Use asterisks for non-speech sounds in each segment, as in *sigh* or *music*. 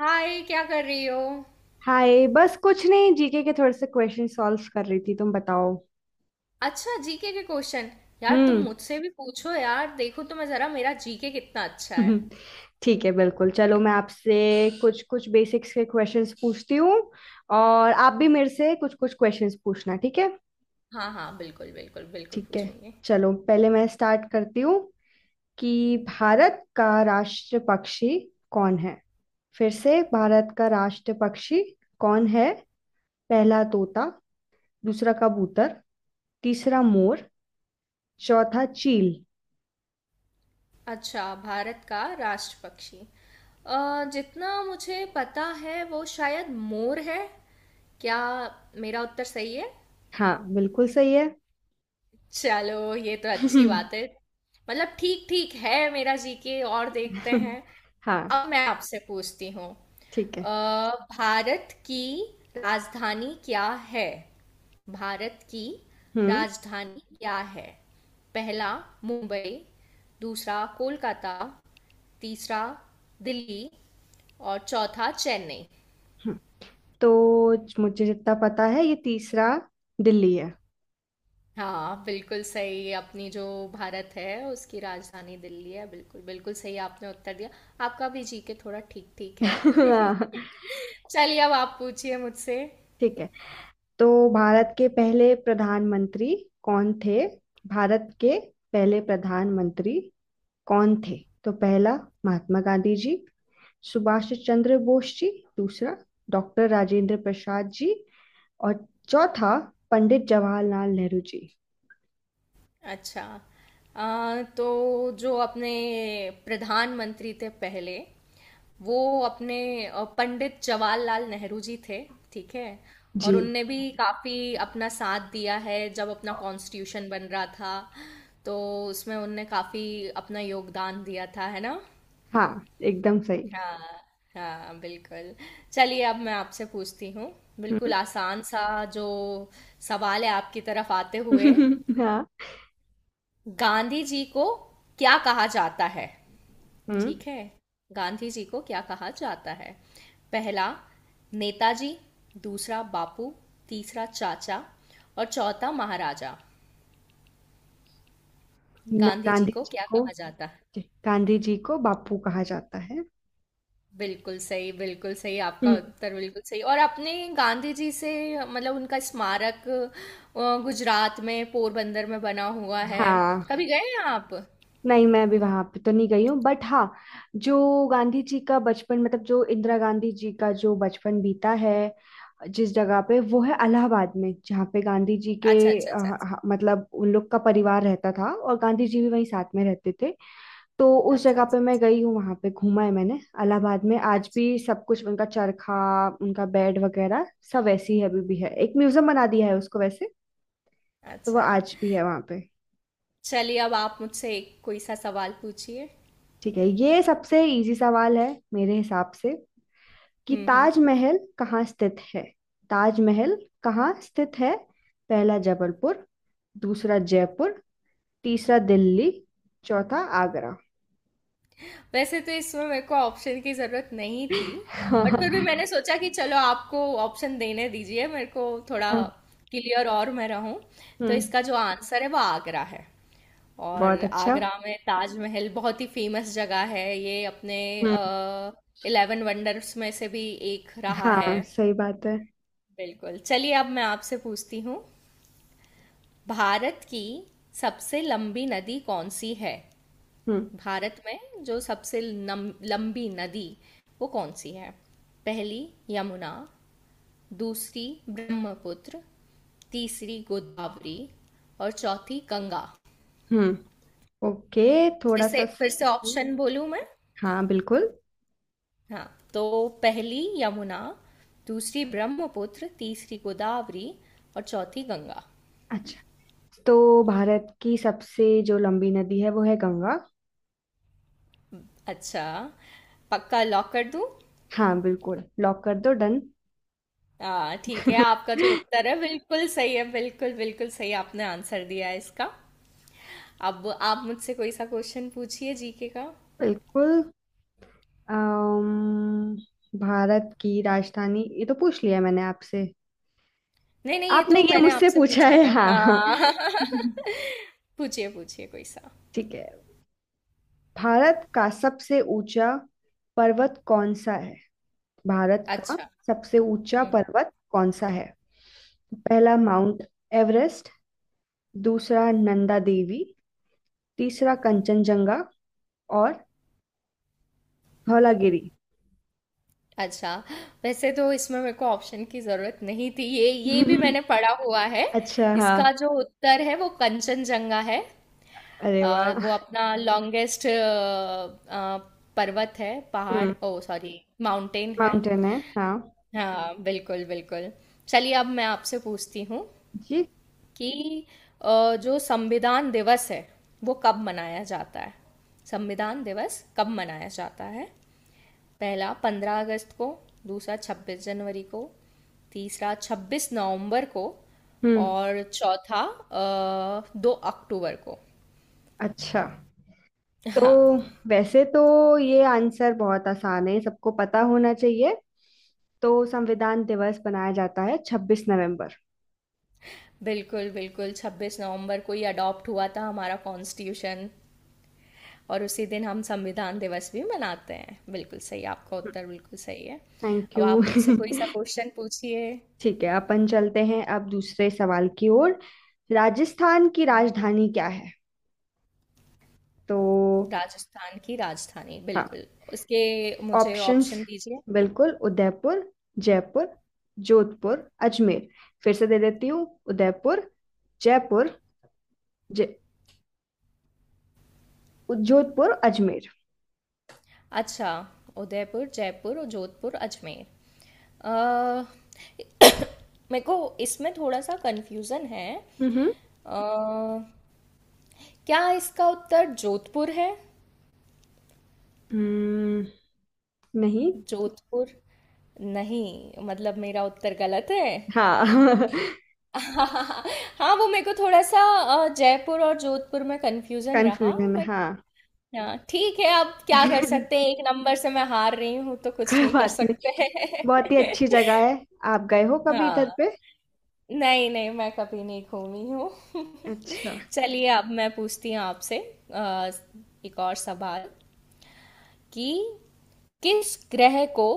हाय, क्या कर रही हो। हाय, बस कुछ नहीं, जीके के थोड़े से क्वेश्चन सॉल्व कर रही थी। तुम बताओ। अच्छा, जीके के क्वेश्चन। यार, तुम हम्म मुझसे भी पूछो यार, देखो तुम्हें जरा मेरा जीके कितना अच्छा है। *laughs* ठीक है, बिल्कुल। चलो, मैं आपसे कुछ कुछ बेसिक्स के क्वेश्चंस पूछती हूँ। और आप भी मेरे से कुछ कुछ क्वेश्चंस पूछना, ठीक है? हाँ हाँ, बिल्कुल बिल्कुल बिल्कुल ठीक है। पूछूंगी। चलो, पहले मैं स्टार्ट करती हूँ कि भारत का राष्ट्र पक्षी कौन है? फिर से, भारत का राष्ट्र पक्षी कौन है? पहला तोता, दूसरा कबूतर, तीसरा मोर, चौथा चील। अच्छा, भारत का राष्ट्र पक्षी। जितना मुझे पता है वो शायद मोर है। क्या मेरा उत्तर सही है? हाँ, बिल्कुल सही है। चलो, ये तो अच्छी हम्म। बात है। मतलब ठीक ठीक है मेरा जीके, और देखते *laughs* हैं। हाँ, अब मैं आपसे पूछती हूँ। ठीक अ, है। भारत की राजधानी क्या है? भारत की हम्म। राजधानी क्या है? पहला मुंबई, दूसरा कोलकाता, तीसरा दिल्ली, और चौथा चेन्नई। हम्म। तो मुझे जितना पता है ये तीसरा दिल्ली है। हाँ, बिल्कुल सही। अपनी जो भारत है उसकी राजधानी दिल्ली है। बिल्कुल बिल्कुल सही आपने उत्तर दिया। आपका भी जीके थोड़ा ठीक ठीक है। *laughs* हाँ, *laughs* चलिए, अब आप पूछिए मुझसे। ठीक है। तो भारत के पहले प्रधानमंत्री कौन थे? भारत के पहले प्रधानमंत्री कौन थे? तो पहला महात्मा गांधी जी, सुभाष चंद्र बोस जी, दूसरा डॉक्टर राजेंद्र प्रसाद जी, और चौथा पंडित जवाहरलाल नेहरू जी। अच्छा, तो जो अपने प्रधानमंत्री थे पहले, वो अपने पंडित जवाहरलाल नेहरू जी थे। ठीक है, जी। और उनने भी काफ़ी अपना साथ दिया है जब अपना कॉन्स्टिट्यूशन बन रहा था, तो उसमें उनने काफ़ी अपना योगदान दिया था, है ना? हाँ, एकदम सही। हाँ हाँ बिल्कुल। चलिए, अब मैं आपसे पूछती हूँ बिल्कुल हम्म आसान सा जो सवाल है आपकी तरफ आते हुए। *laughs* हाँ। गांधी जी को क्या कहा जाता है? हम्म ठीक है, गांधी जी को क्या कहा जाता है? पहला नेताजी, दूसरा बापू, तीसरा चाचा, और चौथा महाराजा। ना, गांधी जी गांधी को जी क्या को, कहा जाता है? गांधी जी को बापू कहा जाता है। बिल्कुल सही, बिल्कुल सही, आपका हम्म। उत्तर बिल्कुल सही। और आपने गांधी जी से, मतलब उनका स्मारक गुजरात में पोरबंदर में बना हुआ है। हाँ, कभी गए हैं आप? नहीं मैं भी वहां पे तो नहीं गई हूँ, बट हाँ, जो गांधी जी का बचपन, मतलब जो इंदिरा गांधी जी का जो बचपन बीता है जिस जगह पे, वो है इलाहाबाद में, जहाँ पे गांधी जी के अच्छा अच्छा अ, अच्छा अच्छा मतलब उन लोग का परिवार रहता था और गांधी जी भी वहीं साथ में रहते थे। तो उस अच्छा जगह पे मैं गई हूँ, वहां पे घूमा है मैंने। इलाहाबाद में आज अच्छा भी सब कुछ, उनका चरखा, उनका बेड वगैरह सब वैसे ही अभी भी है। एक म्यूजियम बना दिया है उसको वैसे। तो वो अच्छा अच्छा। आज भी है वहां पे। चलिए, अब आप मुझसे एक कोई सा सवाल पूछिए। ठीक है, ये सबसे इजी सवाल है मेरे हिसाब से, कि हुँ, हुँ। ताजमहल कहाँ स्थित है? ताजमहल कहाँ स्थित है? पहला जबलपुर, दूसरा जयपुर, तीसरा दिल्ली, चौथा आगरा। वैसे तो इसमें मेरे को ऑप्शन की ज़रूरत नहीं थी, *laughs* बट फिर भी हाँ। मैंने हुँ। सोचा कि चलो आपको ऑप्शन देने दीजिए, मेरे को थोड़ा क्लियर और मैं रहूँ। तो हम्म इसका जो आंसर है वो आगरा है। और बहुत अच्छा। आगरा में ताजमहल बहुत ही फेमस जगह है। ये अपने हम्म। अ, 11 वंडर्स में से भी एक रहा है। हाँ, सही बात है। बिल्कुल। चलिए, अब मैं आपसे पूछती हूँ, भारत की सबसे लंबी नदी कौन सी है? हम्म। भारत में जो सबसे लंबी नदी वो कौन सी है? पहली यमुना, दूसरी ब्रह्मपुत्र, तीसरी गोदावरी, और चौथी गंगा। हम्म। ओके। थोड़ा सा फिर से हम्म, ऑप्शन बोलूं मैं? हाँ, बिल्कुल। हाँ, तो पहली यमुना, दूसरी ब्रह्मपुत्र, तीसरी गोदावरी, और चौथी गंगा। अच्छा, तो भारत की सबसे जो लंबी नदी है वो है गंगा। अच्छा, पक्का लॉक कर दूं? हाँ, बिल्कुल लॉक कर दो, डन। ठीक है, *laughs* आपका जो उत्तर है बिल्कुल सही है। बिल्कुल बिल्कुल सही आपने आंसर दिया है इसका। अब आप मुझसे कोई सा क्वेश्चन पूछिए जीके का। बिल्कुल। अम, भारत की राजधानी ये तो पूछ लिया मैंने आपसे। नहीं नहीं, ये आपने तो ये मैंने मुझसे आपसे पूछा पूछा है, था, हाँ। *laughs* हाँ। *laughs* पूछिए पूछिए कोई सा। ठीक है। भारत का सबसे ऊंचा पर्वत कौन सा है? भारत का अच्छा। सबसे ऊंचा हम्म। पर्वत कौन सा है? पहला माउंट एवरेस्ट, दूसरा नंदा देवी, तीसरा कंचनजंगा, और धौलागिरी। अच्छा, वैसे तो इसमें मेरे को ऑप्शन की जरूरत नहीं थी, ये भी *laughs* मैंने पढ़ा हुआ है। अच्छा, हाँ। इसका जो उत्तर है वो कंचनजंगा है। अरे वाह। वो अपना लॉन्गेस्ट पर्वत है, पहाड़, हम्म ओ सॉरी, माउंटेन है। माउंटेन है, हाँ। हाँ बिल्कुल बिल्कुल। चलिए, अब मैं आपसे पूछती हूँ जी। कि जो संविधान दिवस है वो कब मनाया जाता है? संविधान दिवस कब मनाया जाता है? पहला पंद्रह अगस्त को, दूसरा छब्बीस जनवरी को, तीसरा छब्बीस नवंबर को, हम्म। और चौथा दो अक्टूबर को। अच्छा, तो हाँ वैसे तो ये आंसर बहुत आसान है, सबको पता होना चाहिए। तो संविधान दिवस मनाया जाता है 26 नवंबर। बिल्कुल बिल्कुल, छब्बीस नवंबर को ही अडॉप्ट हुआ था हमारा कॉन्स्टिट्यूशन, और उसी दिन हम संविधान दिवस भी मनाते हैं। बिल्कुल सही, आपका उत्तर बिल्कुल सही है। थैंक अब यू। आप मुझसे कोई *laughs* सा क्वेश्चन पूछिए। ठीक है, अपन चलते हैं अब दूसरे सवाल की ओर। राजस्थान की राजधानी क्या है? तो राजस्थान की राजधानी, हाँ, बिल्कुल। उसके मुझे ऑप्शंस, ऑप्शन दीजिए। बिल्कुल। उदयपुर, जयपुर, जोधपुर, अजमेर। फिर से दे देती हूँ। उदयपुर, जयपुर, जय जोधपुर, अजमेर। अच्छा, उदयपुर जयपुर और जोधपुर अजमेर। अ, *coughs* मेरे को इसमें थोड़ा सा कंफ्यूजन है। हम्म। अ, क्या इसका उत्तर जोधपुर है? हम्म, नहीं। जोधपुर नहीं, मतलब मेरा उत्तर गलत है। हाँ। *laughs* *laughs* हाँ, वो मेरे को थोड़ा सा जयपुर और जोधपुर में कंफ्यूजन रहा, कंफ्यूजन, बट हाँ। हाँ ठीक है। अब क्या *laughs* कर सकते हैं, एक नंबर से मैं हार रही हूँ, तो कुछ कोई नहीं कर बात नहीं। सकते बहुत ही हैं। अच्छी जगह है। आप गए हो *laughs* कभी इधर हाँ, पे? नहीं नहीं, मैं कभी नहीं घूमी हूँ। *laughs* अच्छा। चलिए, अब मैं पूछती हूँ आपसे अ, एक और सवाल कि किस ग्रह को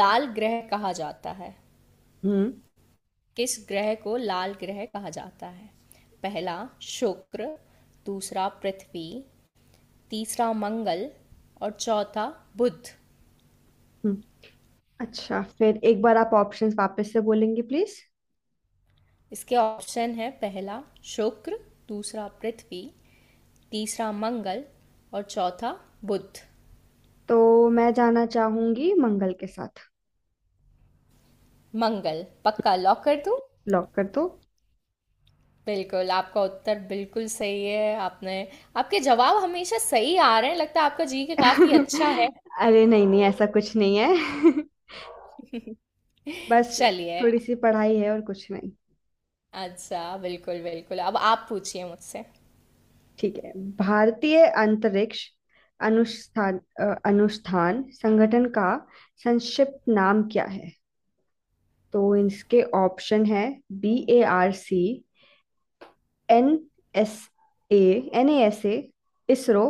लाल ग्रह कहा जाता है? हम्म। किस ग्रह को लाल ग्रह कहा जाता है? पहला शुक्र, दूसरा पृथ्वी, तीसरा मंगल, और चौथा बुध। अच्छा, फिर एक बार आप ऑप्शंस वापस से बोलेंगे प्लीज। इसके ऑप्शन है, पहला शुक्र, दूसरा पृथ्वी, तीसरा मंगल, और चौथा बुध। तो मैं जाना चाहूंगी मंगल के साथ। मंगल, पक्का लॉक कर दूं? लॉक कर दो। बिल्कुल, आपका उत्तर बिल्कुल सही है। आपने, आपके जवाब हमेशा सही आ रहे हैं, लगता है आपका जी के काफी अच्छा है। *laughs* अरे नहीं नहीं, ऐसा कुछ नहीं है। *laughs* बस, चलिए। थोड़ी सी पढ़ाई है और कुछ नहीं। अच्छा बिल्कुल बिल्कुल, अब आप पूछिए मुझसे। ठीक है। भारतीय अंतरिक्ष अनुष्ठान, अनुष्ठान संगठन का संक्षिप्त नाम क्या है? तो इसके ऑप्शन है, BARC, NSA, NASA, ISRO,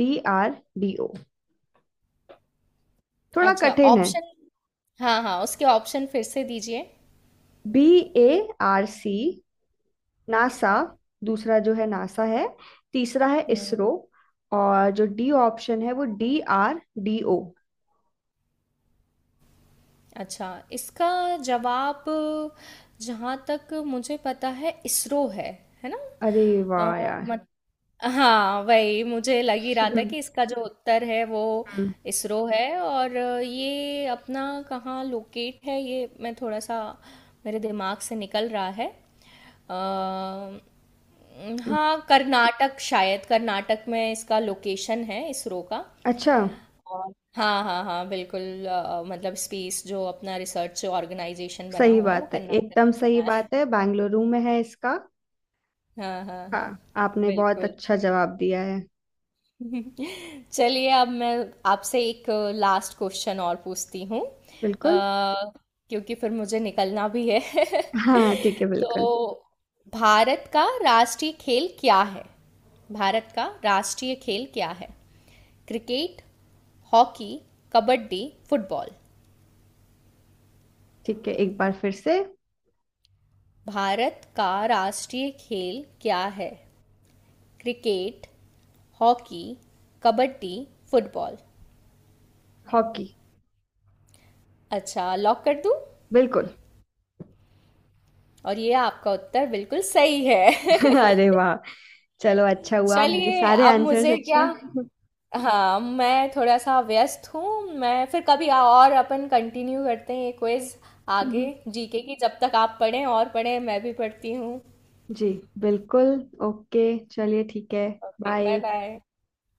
BRD। थोड़ा अच्छा कठिन है। ऑप्शन, हाँ हाँ, उसके ऑप्शन फिर से दीजिए। BARC, नासा, दूसरा जो है नासा है, तीसरा है इसरो, और जो डी ऑप्शन है वो DRDO। अच्छा, इसका जवाब जहाँ तक मुझे पता है इसरो है ना? अरे अ, वाह यार। मत हाँ, वही मुझे लग ही रहा था हम्म। कि इसका जो उत्तर है वो हम्म। इसरो है। और ये अपना कहाँ लोकेट है, ये मैं थोड़ा सा, मेरे दिमाग से निकल रहा है। अ, हम्म। हाँ, कर्नाटक, शायद कर्नाटक में इसका लोकेशन है, इसरो का। अच्छा। और हाँ हाँ हाँ बिल्कुल, मतलब स्पेस जो अपना रिसर्च ऑर्गेनाइजेशन बना सही हुआ है वो बात है, कर्नाटक एकदम में सही बना है। बात है, बेंगलुरु में है इसका। हाँ हाँ हाँ हाँ। आपने बहुत बिल्कुल। अच्छा जवाब दिया है। *laughs* चलिए, अब मैं आपसे एक लास्ट क्वेश्चन और पूछती हूँ, बिल्कुल। क्योंकि फिर मुझे निकलना भी है। हाँ ठीक है, *laughs* बिल्कुल। तो भारत का राष्ट्रीय खेल क्या है? भारत का राष्ट्रीय खेल क्या है? Cricket, hockey, kabaddi, football. ठीक है, एक बार फिर से। भारत का राष्ट्रीय खेल क्या है? Cricket, hockey, kabaddi, football. Hockey. अच्छा, लॉक कर दूं? बिल्कुल। और ये आपका उत्तर बिल्कुल सही है। *laughs* अरे वाह, चलो अच्छा *laughs* हुआ, मेरे चलिए, सारे अब आंसर्स मुझे अच्छे क्या, हैं। हाँ, मैं थोड़ा सा व्यस्त हूँ। मैं फिर कभी और अपन कंटिन्यू करते हैं ये क्विज आगे, *laughs* जीके की। जब तक आप पढ़ें और पढ़ें, मैं भी पढ़ती हूँ। जी, बिल्कुल। ओके, चलिए ठीक है। Okay, bye bye. बाय।